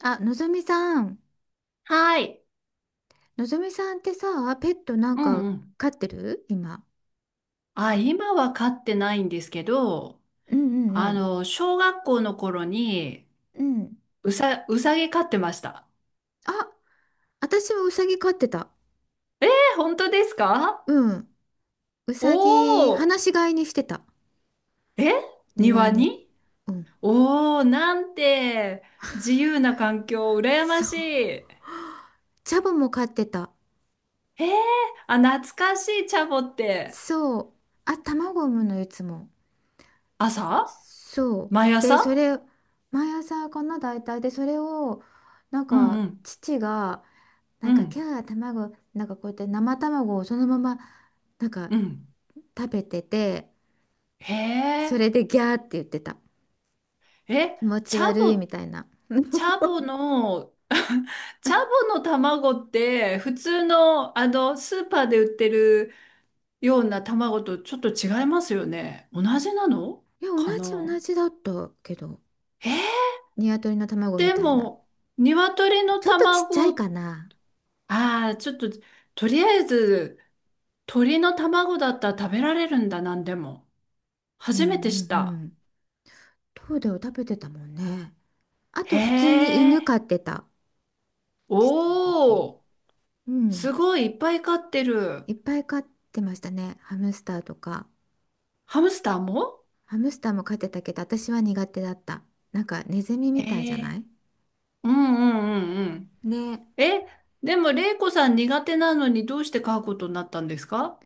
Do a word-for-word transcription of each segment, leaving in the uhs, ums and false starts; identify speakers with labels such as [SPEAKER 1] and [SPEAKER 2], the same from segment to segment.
[SPEAKER 1] あ、のぞみさん。
[SPEAKER 2] はい。
[SPEAKER 1] のぞみさんってさ、ペットなん
[SPEAKER 2] うん
[SPEAKER 1] か
[SPEAKER 2] うん。
[SPEAKER 1] 飼ってる今？
[SPEAKER 2] あ、今は飼ってないんですけど、
[SPEAKER 1] うんう
[SPEAKER 2] あ
[SPEAKER 1] ん
[SPEAKER 2] の、小学校の頃に、
[SPEAKER 1] うん。うん。
[SPEAKER 2] うさ、うさぎ飼ってました。
[SPEAKER 1] あ、私はウサギ飼ってた。
[SPEAKER 2] え、本当ですか？
[SPEAKER 1] うん。ウ
[SPEAKER 2] お
[SPEAKER 1] サギ、放
[SPEAKER 2] お
[SPEAKER 1] し飼いにしてた。
[SPEAKER 2] ー。え、
[SPEAKER 1] 庭
[SPEAKER 2] 庭
[SPEAKER 1] に。
[SPEAKER 2] に。
[SPEAKER 1] うん。
[SPEAKER 2] おおー、なんて自由な環境、羨ま
[SPEAKER 1] そ
[SPEAKER 2] しい。
[SPEAKER 1] う。
[SPEAKER 2] え
[SPEAKER 1] チャボも飼ってた。
[SPEAKER 2] ー、あ、懐かしい、チャボって。
[SPEAKER 1] そう。あ、卵産むのいつも。
[SPEAKER 2] 朝。
[SPEAKER 1] そう。
[SPEAKER 2] 毎
[SPEAKER 1] で、そ
[SPEAKER 2] 朝。
[SPEAKER 1] れ、毎朝かな、大体。で、それを、なん
[SPEAKER 2] うんう
[SPEAKER 1] か、
[SPEAKER 2] ん。
[SPEAKER 1] 父が、な
[SPEAKER 2] う
[SPEAKER 1] んか、キ
[SPEAKER 2] ん。
[SPEAKER 1] ャー、卵、なんかこうやって生卵をそのまま、なんか、
[SPEAKER 2] うん。
[SPEAKER 1] 食べてて、
[SPEAKER 2] へ
[SPEAKER 1] そ
[SPEAKER 2] え。
[SPEAKER 1] れでギャーって言ってた。
[SPEAKER 2] え、
[SPEAKER 1] 気持
[SPEAKER 2] チ
[SPEAKER 1] ち
[SPEAKER 2] ャ
[SPEAKER 1] 悪
[SPEAKER 2] ボ
[SPEAKER 1] い
[SPEAKER 2] っ
[SPEAKER 1] み
[SPEAKER 2] て
[SPEAKER 1] たいな。
[SPEAKER 2] チャボの、チャボの卵って普通の、あのスーパーで売ってるような卵とちょっと違いますよね。同じなの
[SPEAKER 1] いや、同
[SPEAKER 2] か
[SPEAKER 1] じ同
[SPEAKER 2] な？
[SPEAKER 1] じだったけど、
[SPEAKER 2] えー、
[SPEAKER 1] 鶏の卵み
[SPEAKER 2] で
[SPEAKER 1] たいな。
[SPEAKER 2] も、鶏の
[SPEAKER 1] ちょっとちっちゃい
[SPEAKER 2] 卵、
[SPEAKER 1] かな。
[SPEAKER 2] ああ、ちょっと、とりあえず、鳥の卵だったら食べられるんだ、なんでも。
[SPEAKER 1] うん
[SPEAKER 2] 初めてし
[SPEAKER 1] うん
[SPEAKER 2] た。
[SPEAKER 1] うん。トーデを食べてたもんね。あ
[SPEAKER 2] へ
[SPEAKER 1] と普通に犬
[SPEAKER 2] え。
[SPEAKER 1] 飼ってた。ちっちゃい時。
[SPEAKER 2] おー、
[SPEAKER 1] う
[SPEAKER 2] す
[SPEAKER 1] ん。
[SPEAKER 2] ごいいっぱい飼ってる。
[SPEAKER 1] いっぱい飼ってましたね。ハムスターとか。
[SPEAKER 2] ハムスターも。
[SPEAKER 1] ハムスターも飼ってたけど、私は苦手だった。なんかネズミ
[SPEAKER 2] へ
[SPEAKER 1] みたいじゃな
[SPEAKER 2] え。
[SPEAKER 1] い
[SPEAKER 2] うんうんうんうん。
[SPEAKER 1] ね。
[SPEAKER 2] え、でも、玲子さん、苦手なのにどうして飼うことになったんですか？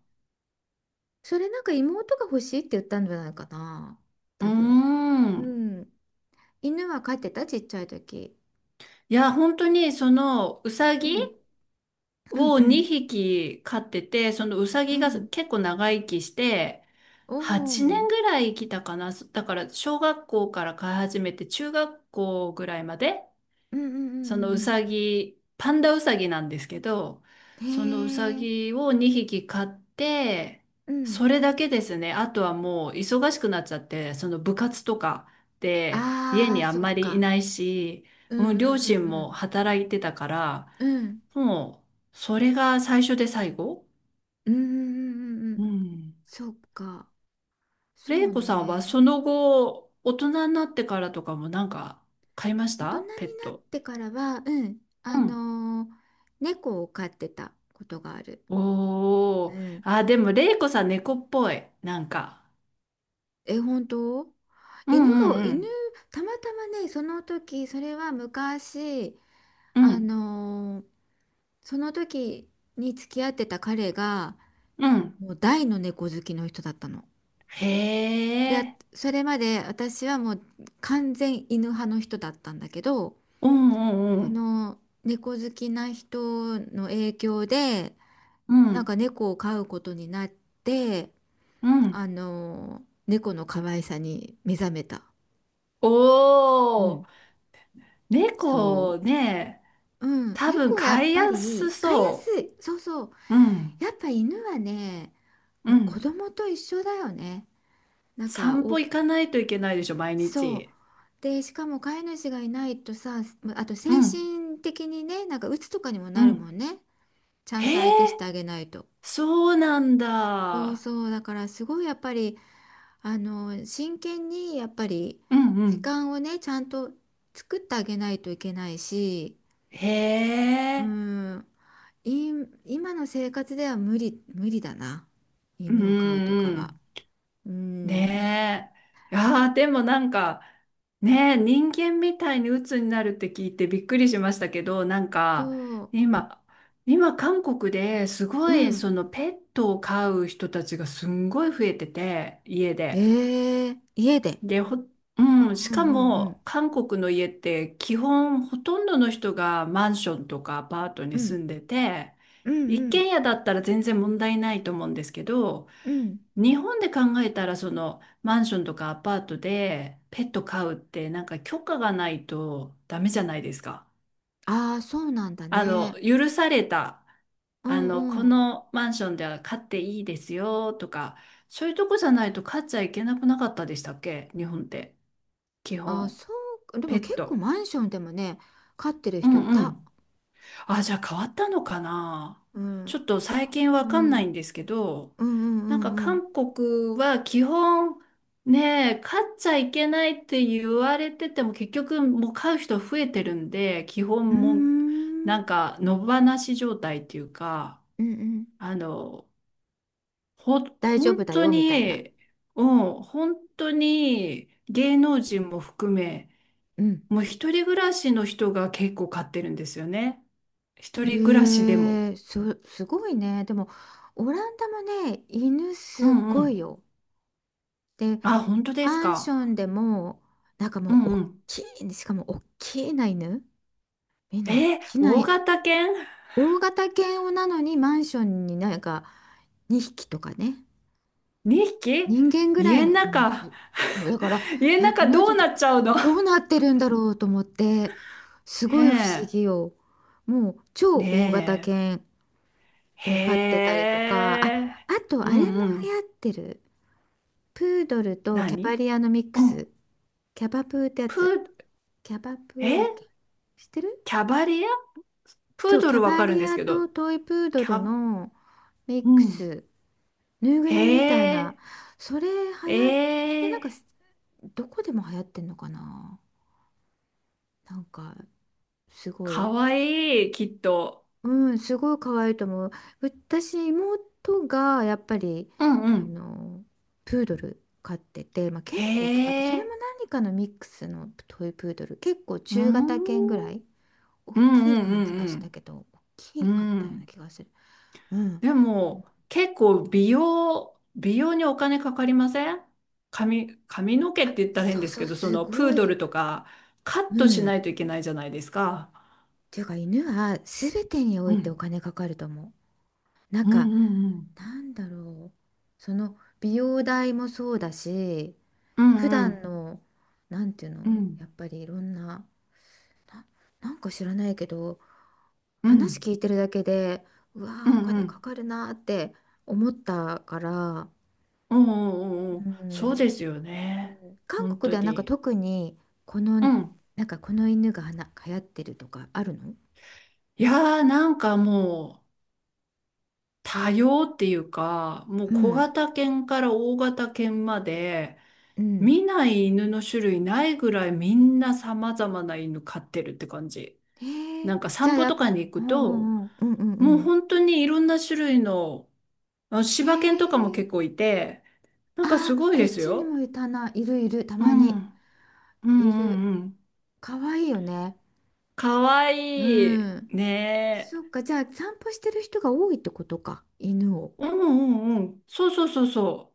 [SPEAKER 1] それなんか妹が欲しいって言ったんじゃないかな。
[SPEAKER 2] うー
[SPEAKER 1] 多分。う
[SPEAKER 2] ん。
[SPEAKER 1] ん。犬は飼ってたちっちゃい時。
[SPEAKER 2] いや、本当に、その、うさ
[SPEAKER 1] う
[SPEAKER 2] ぎ
[SPEAKER 1] ん。うん
[SPEAKER 2] を
[SPEAKER 1] うん。
[SPEAKER 2] にひき飼ってて、そのうさ
[SPEAKER 1] う
[SPEAKER 2] ぎが
[SPEAKER 1] ん。
[SPEAKER 2] 結構長生きして、
[SPEAKER 1] お
[SPEAKER 2] 8
[SPEAKER 1] お。
[SPEAKER 2] 年ぐらい生きたかな。だから、小学校から飼い始めて、中学校ぐらいまで、
[SPEAKER 1] うんうんうん
[SPEAKER 2] そのう
[SPEAKER 1] うん
[SPEAKER 2] さぎ、パンダうさぎなんですけど、
[SPEAKER 1] うん。
[SPEAKER 2] そのうさ
[SPEAKER 1] へえ。
[SPEAKER 2] ぎをにひき飼って、
[SPEAKER 1] うん。
[SPEAKER 2] それだけですね。あとはもう忙しくなっちゃって、その部活とかで家
[SPEAKER 1] あ
[SPEAKER 2] に
[SPEAKER 1] あ、
[SPEAKER 2] あん
[SPEAKER 1] そっ
[SPEAKER 2] まりい
[SPEAKER 1] か。
[SPEAKER 2] ないし、
[SPEAKER 1] う
[SPEAKER 2] も
[SPEAKER 1] ん
[SPEAKER 2] う両親
[SPEAKER 1] う
[SPEAKER 2] も
[SPEAKER 1] ん
[SPEAKER 2] 働いてたから、
[SPEAKER 1] うんうん。うん。
[SPEAKER 2] もうそれが最初で最後。
[SPEAKER 1] うんうんうんう
[SPEAKER 2] う
[SPEAKER 1] ん。
[SPEAKER 2] ん。
[SPEAKER 1] そっか。そ
[SPEAKER 2] 玲
[SPEAKER 1] う
[SPEAKER 2] 子さんは
[SPEAKER 1] ね。
[SPEAKER 2] その後、大人になってからとかも、なんか買いまし
[SPEAKER 1] 大人にな
[SPEAKER 2] た
[SPEAKER 1] っ
[SPEAKER 2] ペット？
[SPEAKER 1] てからは、うん。
[SPEAKER 2] う
[SPEAKER 1] あ
[SPEAKER 2] ん。
[SPEAKER 1] のー猫を飼ってたことがある。う
[SPEAKER 2] おー。
[SPEAKER 1] ん、
[SPEAKER 2] あ、でも、れいこさん猫っぽい、なんか。
[SPEAKER 1] え、本当？
[SPEAKER 2] う
[SPEAKER 1] 犬
[SPEAKER 2] ん
[SPEAKER 1] が、
[SPEAKER 2] う
[SPEAKER 1] 犬、
[SPEAKER 2] ん
[SPEAKER 1] たまたまね、その時、それは昔、
[SPEAKER 2] うん。う
[SPEAKER 1] あ
[SPEAKER 2] ん。
[SPEAKER 1] のーその時に付き合ってた彼が、
[SPEAKER 2] うん。
[SPEAKER 1] もう大の猫好きの人だったの。
[SPEAKER 2] へ
[SPEAKER 1] で、あ、
[SPEAKER 2] え。
[SPEAKER 1] それまで私はもう完全犬派の人だったんだけど、
[SPEAKER 2] うんう
[SPEAKER 1] そ
[SPEAKER 2] ん
[SPEAKER 1] の猫好きな人の影響で、
[SPEAKER 2] うん。う
[SPEAKER 1] なん
[SPEAKER 2] ん。
[SPEAKER 1] か猫を飼うことになって、
[SPEAKER 2] う
[SPEAKER 1] あ
[SPEAKER 2] ん。
[SPEAKER 1] のー猫の可愛さに目覚めた。
[SPEAKER 2] お
[SPEAKER 1] うん、
[SPEAKER 2] ー。
[SPEAKER 1] そ
[SPEAKER 2] 猫
[SPEAKER 1] う。
[SPEAKER 2] ね、
[SPEAKER 1] うん、
[SPEAKER 2] 多分
[SPEAKER 1] 猫や
[SPEAKER 2] 飼
[SPEAKER 1] っ
[SPEAKER 2] い
[SPEAKER 1] ぱ
[SPEAKER 2] やす
[SPEAKER 1] り飼いや
[SPEAKER 2] そ
[SPEAKER 1] すい。そうそう。
[SPEAKER 2] う。うん。
[SPEAKER 1] やっぱ犬はね、
[SPEAKER 2] う
[SPEAKER 1] もう子
[SPEAKER 2] ん。
[SPEAKER 1] 供と一緒だよね。なんか
[SPEAKER 2] 散歩
[SPEAKER 1] お、
[SPEAKER 2] 行かないといけないでしょ、毎
[SPEAKER 1] そう。
[SPEAKER 2] 日。
[SPEAKER 1] で、しかも飼い主がいないとさ、あと
[SPEAKER 2] う
[SPEAKER 1] 精
[SPEAKER 2] ん。
[SPEAKER 1] 神的にね、なんか鬱とかにも
[SPEAKER 2] う
[SPEAKER 1] なるも
[SPEAKER 2] ん。
[SPEAKER 1] んね。ちゃ
[SPEAKER 2] へ
[SPEAKER 1] んと相手し
[SPEAKER 2] え。
[SPEAKER 1] てあげないと。
[SPEAKER 2] そうなん
[SPEAKER 1] そう
[SPEAKER 2] だ。
[SPEAKER 1] そう。だからすごいやっぱり、あの、真剣にやっぱり
[SPEAKER 2] うんう
[SPEAKER 1] 時
[SPEAKER 2] ん。
[SPEAKER 1] 間をね、ちゃんと作ってあげないといけないし、
[SPEAKER 2] へ
[SPEAKER 1] う
[SPEAKER 2] え。
[SPEAKER 1] ん。い、今の生活では無理、無理だな。
[SPEAKER 2] うんう
[SPEAKER 1] 犬を飼うと
[SPEAKER 2] ん
[SPEAKER 1] か
[SPEAKER 2] う
[SPEAKER 1] は。
[SPEAKER 2] ん。
[SPEAKER 1] うん。
[SPEAKER 2] ねえ。いやー、でもなんか、ねえ、人間みたいに鬱になるって聞いてびっくりしましたけど、なんか、
[SPEAKER 1] そう。
[SPEAKER 2] 今、今韓国です
[SPEAKER 1] う
[SPEAKER 2] ごい、そ
[SPEAKER 1] ん。
[SPEAKER 2] のペットを飼う人たちがすんごい増えてて、家で。
[SPEAKER 1] ええ、家で。
[SPEAKER 2] で、ほ、
[SPEAKER 1] うん
[SPEAKER 2] うん、し
[SPEAKER 1] う
[SPEAKER 2] か
[SPEAKER 1] んうん。
[SPEAKER 2] も韓国の家って、基本ほとんどの人がマンションとかアパート
[SPEAKER 1] う
[SPEAKER 2] に住
[SPEAKER 1] ん
[SPEAKER 2] んでて、
[SPEAKER 1] うんう
[SPEAKER 2] 一軒
[SPEAKER 1] ん
[SPEAKER 2] 家だったら全然問題ないと思うんですけど、
[SPEAKER 1] うん。
[SPEAKER 2] 日本で考えたら、そのマンションとかアパートでペット飼うって、なんか許可がないとダメじゃないですか。
[SPEAKER 1] ああ、そうなんだ
[SPEAKER 2] あの
[SPEAKER 1] ね。
[SPEAKER 2] 許された
[SPEAKER 1] う
[SPEAKER 2] あ
[SPEAKER 1] ん
[SPEAKER 2] の、こ
[SPEAKER 1] うん。
[SPEAKER 2] のマンションでは飼っていいですよとか、そういうとこじゃないと飼っちゃいけなくなかったでしたっけ、日本って、基
[SPEAKER 1] ああ、
[SPEAKER 2] 本
[SPEAKER 1] そう。で
[SPEAKER 2] ペ
[SPEAKER 1] も
[SPEAKER 2] ッ
[SPEAKER 1] 結構
[SPEAKER 2] ト。
[SPEAKER 1] マンションでもね、飼ってる
[SPEAKER 2] う
[SPEAKER 1] 人い
[SPEAKER 2] んう
[SPEAKER 1] た。
[SPEAKER 2] ん。あ、じゃあ変わったのかな。
[SPEAKER 1] うん。
[SPEAKER 2] ちょっと最近
[SPEAKER 1] う
[SPEAKER 2] わかんな
[SPEAKER 1] ん。う
[SPEAKER 2] いん
[SPEAKER 1] ん
[SPEAKER 2] ですけど、
[SPEAKER 1] うんう
[SPEAKER 2] なんか
[SPEAKER 1] んうん。
[SPEAKER 2] 韓国は基本ね、買っちゃいけないって言われてても結局もう買う人増えてるんで、基
[SPEAKER 1] うー
[SPEAKER 2] 本もうな
[SPEAKER 1] ん。
[SPEAKER 2] んか野放し状態っていうか、
[SPEAKER 1] うんうん。
[SPEAKER 2] あの、ほ、
[SPEAKER 1] 大丈夫
[SPEAKER 2] 本
[SPEAKER 1] だ
[SPEAKER 2] 当
[SPEAKER 1] よ、みたいな。
[SPEAKER 2] に、うん、本当に芸能人も含め、
[SPEAKER 1] うん。
[SPEAKER 2] もう一人暮らしの人が結構買ってるんですよね。一人暮らしでも。
[SPEAKER 1] ええそ、すごいね。でも、オランダもね、犬
[SPEAKER 2] う
[SPEAKER 1] す
[SPEAKER 2] んう
[SPEAKER 1] ごい
[SPEAKER 2] ん。
[SPEAKER 1] よ。で、
[SPEAKER 2] あ、本当です
[SPEAKER 1] マンシ
[SPEAKER 2] か。
[SPEAKER 1] ョンでも、なんか
[SPEAKER 2] う
[SPEAKER 1] もう、
[SPEAKER 2] ん
[SPEAKER 1] お
[SPEAKER 2] う
[SPEAKER 1] っ
[SPEAKER 2] ん。
[SPEAKER 1] きい、しかも、おっきいな犬。みんなおっ
[SPEAKER 2] えー、
[SPEAKER 1] きな、
[SPEAKER 2] 大型犬
[SPEAKER 1] 大型犬をなのに、マンションになんか、にひきとかね。
[SPEAKER 2] ?に 匹、
[SPEAKER 1] 人間ぐらい
[SPEAKER 2] 家の
[SPEAKER 1] の、うん、
[SPEAKER 2] 中、
[SPEAKER 1] すそう、だから、
[SPEAKER 2] 家の
[SPEAKER 1] え、こ
[SPEAKER 2] 中
[SPEAKER 1] の
[SPEAKER 2] どう
[SPEAKER 1] 人、
[SPEAKER 2] なっちゃうの？
[SPEAKER 1] どうなってるんだろうと思って、すごい不思
[SPEAKER 2] ね
[SPEAKER 1] 議よ。もう、超
[SPEAKER 2] え。
[SPEAKER 1] 大型
[SPEAKER 2] ね
[SPEAKER 1] 犬
[SPEAKER 2] え。
[SPEAKER 1] を飼ってた
[SPEAKER 2] へ
[SPEAKER 1] りとか、あ、
[SPEAKER 2] え。
[SPEAKER 1] あとあ
[SPEAKER 2] う
[SPEAKER 1] れも流行
[SPEAKER 2] んうん。
[SPEAKER 1] ってる。プードルとキャバ
[SPEAKER 2] 何？
[SPEAKER 1] リアのミック
[SPEAKER 2] うん。
[SPEAKER 1] ス。キャバプーってや
[SPEAKER 2] プ
[SPEAKER 1] つ。
[SPEAKER 2] ー、
[SPEAKER 1] キャバプーだっ
[SPEAKER 2] え、
[SPEAKER 1] け？知ってる？
[SPEAKER 2] キャバリア、プ
[SPEAKER 1] そ
[SPEAKER 2] ー
[SPEAKER 1] う、
[SPEAKER 2] ド
[SPEAKER 1] キャ
[SPEAKER 2] ルわ
[SPEAKER 1] バ
[SPEAKER 2] かるん
[SPEAKER 1] リ
[SPEAKER 2] です
[SPEAKER 1] ア
[SPEAKER 2] け
[SPEAKER 1] と
[SPEAKER 2] ど、
[SPEAKER 1] トイプード
[SPEAKER 2] キ
[SPEAKER 1] ル
[SPEAKER 2] ャ、
[SPEAKER 1] のミ
[SPEAKER 2] う
[SPEAKER 1] ック
[SPEAKER 2] ん。
[SPEAKER 1] ス。ぬいぐ
[SPEAKER 2] へ
[SPEAKER 1] るみみたいな。
[SPEAKER 2] え。
[SPEAKER 1] それは
[SPEAKER 2] え
[SPEAKER 1] やそれなん
[SPEAKER 2] え、
[SPEAKER 1] か、どこでも流行ってんのかな？なんか、すご
[SPEAKER 2] か
[SPEAKER 1] い。
[SPEAKER 2] わいい、きっと。
[SPEAKER 1] うん、すごい可愛いと思う。私、妹がやっぱり、
[SPEAKER 2] うんう
[SPEAKER 1] あ
[SPEAKER 2] ん。
[SPEAKER 1] の、プードル飼ってて、まあ、
[SPEAKER 2] へ
[SPEAKER 1] 結構大きかった。それも
[SPEAKER 2] え。
[SPEAKER 1] 何かのミックスのトイプードル。結構
[SPEAKER 2] う
[SPEAKER 1] 中
[SPEAKER 2] ん。
[SPEAKER 1] 型犬ぐらい。大
[SPEAKER 2] うん
[SPEAKER 1] きい
[SPEAKER 2] う
[SPEAKER 1] 感じがした
[SPEAKER 2] ん
[SPEAKER 1] けど、大
[SPEAKER 2] うんう
[SPEAKER 1] きかっ
[SPEAKER 2] ん。う
[SPEAKER 1] たような
[SPEAKER 2] ん。
[SPEAKER 1] 気がする。うん。
[SPEAKER 2] でも、結構美容、美容にお金かかりません？髪、髪の毛って言ったら
[SPEAKER 1] そ
[SPEAKER 2] 変
[SPEAKER 1] う
[SPEAKER 2] です
[SPEAKER 1] そ
[SPEAKER 2] け
[SPEAKER 1] う、
[SPEAKER 2] ど、そ
[SPEAKER 1] す
[SPEAKER 2] のプ
[SPEAKER 1] ご
[SPEAKER 2] ードル
[SPEAKER 1] い。
[SPEAKER 2] とかカッ
[SPEAKER 1] う
[SPEAKER 2] トし
[SPEAKER 1] ん。
[SPEAKER 2] な
[SPEAKER 1] っ
[SPEAKER 2] いといけないじゃないですか。
[SPEAKER 1] ていうか、犬は全てにお
[SPEAKER 2] う
[SPEAKER 1] いてお
[SPEAKER 2] ん。
[SPEAKER 1] 金かかると思う。なん
[SPEAKER 2] うん
[SPEAKER 1] か、
[SPEAKER 2] うんうん。
[SPEAKER 1] なんだろう。その、美容代もそうだし、
[SPEAKER 2] う
[SPEAKER 1] 普
[SPEAKER 2] んう
[SPEAKER 1] 段
[SPEAKER 2] ん
[SPEAKER 1] の、なんていう
[SPEAKER 2] う
[SPEAKER 1] の、
[SPEAKER 2] ん。
[SPEAKER 1] やっぱりいろんな、な、なんか知らないけど、
[SPEAKER 2] うんう
[SPEAKER 1] 話
[SPEAKER 2] ん
[SPEAKER 1] 聞いてるだけで、うわ
[SPEAKER 2] う
[SPEAKER 1] ー、お
[SPEAKER 2] んう
[SPEAKER 1] 金か
[SPEAKER 2] ん
[SPEAKER 1] かるなーって思ったから、
[SPEAKER 2] う
[SPEAKER 1] う
[SPEAKER 2] んうん、そう
[SPEAKER 1] ん、
[SPEAKER 2] ですよ
[SPEAKER 1] う
[SPEAKER 2] ね。
[SPEAKER 1] ん、韓
[SPEAKER 2] 本
[SPEAKER 1] 国
[SPEAKER 2] 当
[SPEAKER 1] ではなんか
[SPEAKER 2] に。
[SPEAKER 1] 特に、こ
[SPEAKER 2] う
[SPEAKER 1] の、
[SPEAKER 2] ん。
[SPEAKER 1] なんかこの犬がはな流行ってるとかあるの？
[SPEAKER 2] いやー、なんかもう多様っていうか、もう
[SPEAKER 1] う
[SPEAKER 2] 小
[SPEAKER 1] ん、
[SPEAKER 2] 型犬から大型犬まで、
[SPEAKER 1] うん。
[SPEAKER 2] 見ない犬の種類ないぐらい、みんな様々な犬飼ってるって感じ。
[SPEAKER 1] へ
[SPEAKER 2] なん
[SPEAKER 1] え、
[SPEAKER 2] か
[SPEAKER 1] じゃ
[SPEAKER 2] 散
[SPEAKER 1] あ
[SPEAKER 2] 歩
[SPEAKER 1] やっ、
[SPEAKER 2] とかに行
[SPEAKER 1] おう
[SPEAKER 2] く
[SPEAKER 1] おう
[SPEAKER 2] と、
[SPEAKER 1] んうん、うんう
[SPEAKER 2] もう
[SPEAKER 1] んう
[SPEAKER 2] 本当にいろんな種類の、あ、
[SPEAKER 1] ん。へ
[SPEAKER 2] 柴犬とかも
[SPEAKER 1] え、
[SPEAKER 2] 結構いて、なんか
[SPEAKER 1] あ
[SPEAKER 2] す
[SPEAKER 1] ー、
[SPEAKER 2] ごい
[SPEAKER 1] こ
[SPEAKER 2] で
[SPEAKER 1] っ
[SPEAKER 2] す
[SPEAKER 1] ちに
[SPEAKER 2] よ。
[SPEAKER 1] もいたな、いるいる、た
[SPEAKER 2] う
[SPEAKER 1] ま
[SPEAKER 2] ん。う
[SPEAKER 1] に、
[SPEAKER 2] んう
[SPEAKER 1] いる。
[SPEAKER 2] んうん。
[SPEAKER 1] かわいいよね。
[SPEAKER 2] かわ
[SPEAKER 1] う
[SPEAKER 2] いい。
[SPEAKER 1] ん。
[SPEAKER 2] ね
[SPEAKER 1] そ
[SPEAKER 2] え。
[SPEAKER 1] っか、じゃあ散歩してる人が多いってことか、犬を。
[SPEAKER 2] うんうんうん。そうそうそうそ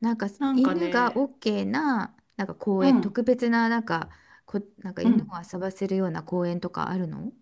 [SPEAKER 1] なんか
[SPEAKER 2] う。なんか
[SPEAKER 1] 犬が
[SPEAKER 2] ね。
[SPEAKER 1] OK な、なんか公
[SPEAKER 2] う
[SPEAKER 1] 園、
[SPEAKER 2] ん。
[SPEAKER 1] 特別な、なんか、こ、なんか
[SPEAKER 2] う
[SPEAKER 1] 犬を
[SPEAKER 2] ん。
[SPEAKER 1] 遊ばせるような公園とかあるの？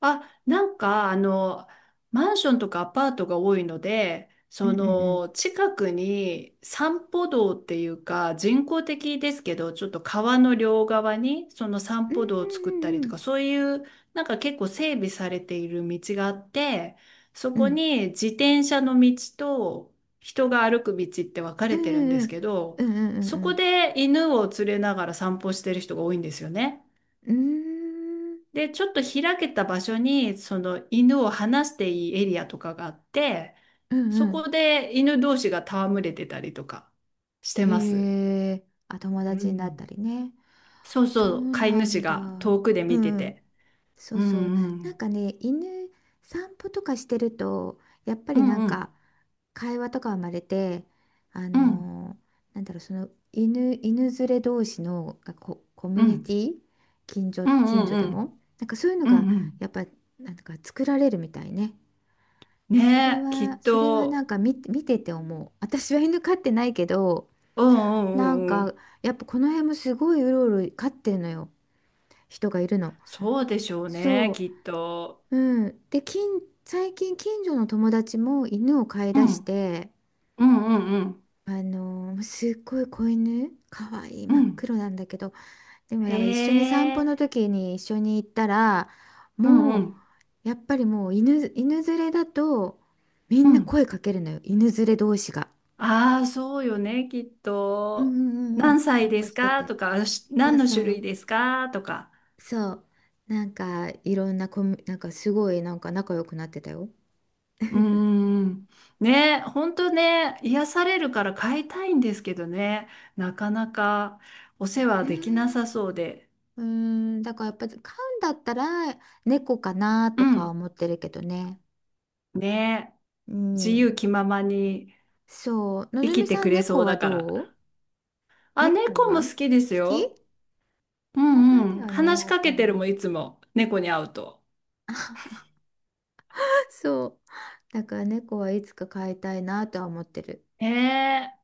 [SPEAKER 2] あ、なんか、あの、マンションとかアパートが多いので、
[SPEAKER 1] う
[SPEAKER 2] そ
[SPEAKER 1] んうんうん。
[SPEAKER 2] の、近くに散歩道っていうか、人工的ですけど、ちょっと川の両側に、その散
[SPEAKER 1] うん
[SPEAKER 2] 歩道を作った
[SPEAKER 1] う
[SPEAKER 2] り
[SPEAKER 1] んう
[SPEAKER 2] と
[SPEAKER 1] ん
[SPEAKER 2] か、そういう、なんか結構整備されている道があって、そ
[SPEAKER 1] う
[SPEAKER 2] こ
[SPEAKER 1] ん
[SPEAKER 2] に自転車の道と人が歩く道って分か
[SPEAKER 1] う
[SPEAKER 2] れてるんで
[SPEAKER 1] んう
[SPEAKER 2] す
[SPEAKER 1] ん
[SPEAKER 2] け
[SPEAKER 1] う
[SPEAKER 2] ど、そこ
[SPEAKER 1] ん
[SPEAKER 2] で犬を連れながら散歩してる人が多いんですよね。
[SPEAKER 1] うんうんうんうん
[SPEAKER 2] で、ちょっと開けた場所に、その犬を放していいエリアとかがあって、
[SPEAKER 1] うんう
[SPEAKER 2] そ
[SPEAKER 1] んうん、
[SPEAKER 2] こで犬同士が戯れてたりとかして
[SPEAKER 1] へ
[SPEAKER 2] ます。
[SPEAKER 1] え、あ、友
[SPEAKER 2] う
[SPEAKER 1] 達になった
[SPEAKER 2] ん。
[SPEAKER 1] りね。
[SPEAKER 2] そう
[SPEAKER 1] そ
[SPEAKER 2] そう、
[SPEAKER 1] う
[SPEAKER 2] 飼い
[SPEAKER 1] な
[SPEAKER 2] 主
[SPEAKER 1] ん
[SPEAKER 2] が
[SPEAKER 1] だ。
[SPEAKER 2] 遠くで
[SPEAKER 1] う
[SPEAKER 2] 見て
[SPEAKER 1] ん。
[SPEAKER 2] て。
[SPEAKER 1] そ
[SPEAKER 2] う
[SPEAKER 1] うそう。
[SPEAKER 2] んう
[SPEAKER 1] なん
[SPEAKER 2] ん。
[SPEAKER 1] かね、犬散歩とかしてると、やっぱ
[SPEAKER 2] う
[SPEAKER 1] りな
[SPEAKER 2] ん
[SPEAKER 1] ん
[SPEAKER 2] うん
[SPEAKER 1] か会話とか生まれて、あ
[SPEAKER 2] うん
[SPEAKER 1] のーなんだろう、その犬、犬連れ同士のがこコ
[SPEAKER 2] う
[SPEAKER 1] ミュニ
[SPEAKER 2] ん
[SPEAKER 1] ティ、近所、
[SPEAKER 2] う
[SPEAKER 1] 近
[SPEAKER 2] ん
[SPEAKER 1] 所で
[SPEAKER 2] うん
[SPEAKER 1] も、なんかそういうの
[SPEAKER 2] うん
[SPEAKER 1] が
[SPEAKER 2] うん。
[SPEAKER 1] やっぱなんか作られるみたいね。それ
[SPEAKER 2] ねえ、き
[SPEAKER 1] は、
[SPEAKER 2] っ
[SPEAKER 1] それはなん
[SPEAKER 2] と。
[SPEAKER 1] か見、見てて思う。私は犬飼ってないけど、
[SPEAKER 2] うんう
[SPEAKER 1] なん
[SPEAKER 2] んうんう
[SPEAKER 1] か
[SPEAKER 2] ん。
[SPEAKER 1] やっぱこの辺もすごいうろうろ飼ってるのよ。人がいるの。
[SPEAKER 2] そうでしょうね、
[SPEAKER 1] そ
[SPEAKER 2] きっと。
[SPEAKER 1] う。うん。で、近、最近近所の友達も犬を飼い
[SPEAKER 2] う
[SPEAKER 1] 出し
[SPEAKER 2] ん
[SPEAKER 1] て、
[SPEAKER 2] うんうんうん
[SPEAKER 1] あのーすっごい子犬、かわいい、
[SPEAKER 2] う
[SPEAKER 1] 真っ
[SPEAKER 2] ん。
[SPEAKER 1] 黒なんだけど、でも
[SPEAKER 2] へ
[SPEAKER 1] なんか一緒に散歩
[SPEAKER 2] え。
[SPEAKER 1] の時に一緒に行ったら、もう、やっぱりもう犬、犬連れだと、みんな声かけるのよ。犬連れ同士が。
[SPEAKER 2] ああ、そうよね、きっ
[SPEAKER 1] うん
[SPEAKER 2] と。
[SPEAKER 1] うんうんう
[SPEAKER 2] 何
[SPEAKER 1] ん。お
[SPEAKER 2] 歳
[SPEAKER 1] 散
[SPEAKER 2] で
[SPEAKER 1] 歩
[SPEAKER 2] す
[SPEAKER 1] して
[SPEAKER 2] か
[SPEAKER 1] て。
[SPEAKER 2] とか、し
[SPEAKER 1] そ
[SPEAKER 2] 何
[SPEAKER 1] う
[SPEAKER 2] の
[SPEAKER 1] そ
[SPEAKER 2] 種類
[SPEAKER 1] う、
[SPEAKER 2] ですかとか。
[SPEAKER 1] そう。なんか、いろんなコミュ、なんかすごい、なんか仲良くなってたよ。
[SPEAKER 2] うーん。ね、本当ね、癒されるから飼いたいんですけどね、なかなかお世話
[SPEAKER 1] え
[SPEAKER 2] できな
[SPEAKER 1] ー
[SPEAKER 2] さそうで。
[SPEAKER 1] うーん、だからやっぱり飼うんだったら猫かな
[SPEAKER 2] う
[SPEAKER 1] とか
[SPEAKER 2] ん。
[SPEAKER 1] 思ってるけどね。
[SPEAKER 2] ね、
[SPEAKER 1] う
[SPEAKER 2] 自由
[SPEAKER 1] ん。
[SPEAKER 2] 気ままに
[SPEAKER 1] そう、の
[SPEAKER 2] 生
[SPEAKER 1] ぞみ
[SPEAKER 2] きて
[SPEAKER 1] さん
[SPEAKER 2] くれそ
[SPEAKER 1] 猫
[SPEAKER 2] う
[SPEAKER 1] は
[SPEAKER 2] だか
[SPEAKER 1] どう？
[SPEAKER 2] ら。あ、
[SPEAKER 1] 猫
[SPEAKER 2] 猫も
[SPEAKER 1] は好
[SPEAKER 2] 好きです
[SPEAKER 1] き？
[SPEAKER 2] よ。う
[SPEAKER 1] かわい
[SPEAKER 2] ん
[SPEAKER 1] い
[SPEAKER 2] うん。
[SPEAKER 1] よね、
[SPEAKER 2] 話
[SPEAKER 1] や
[SPEAKER 2] し
[SPEAKER 1] っ
[SPEAKER 2] か
[SPEAKER 1] ぱ
[SPEAKER 2] け
[SPEAKER 1] り
[SPEAKER 2] てるもん、
[SPEAKER 1] ね。
[SPEAKER 2] いつも。猫に会うと。
[SPEAKER 1] そう。だから猫はいつか飼いたいなとは思ってる。
[SPEAKER 2] ねえ。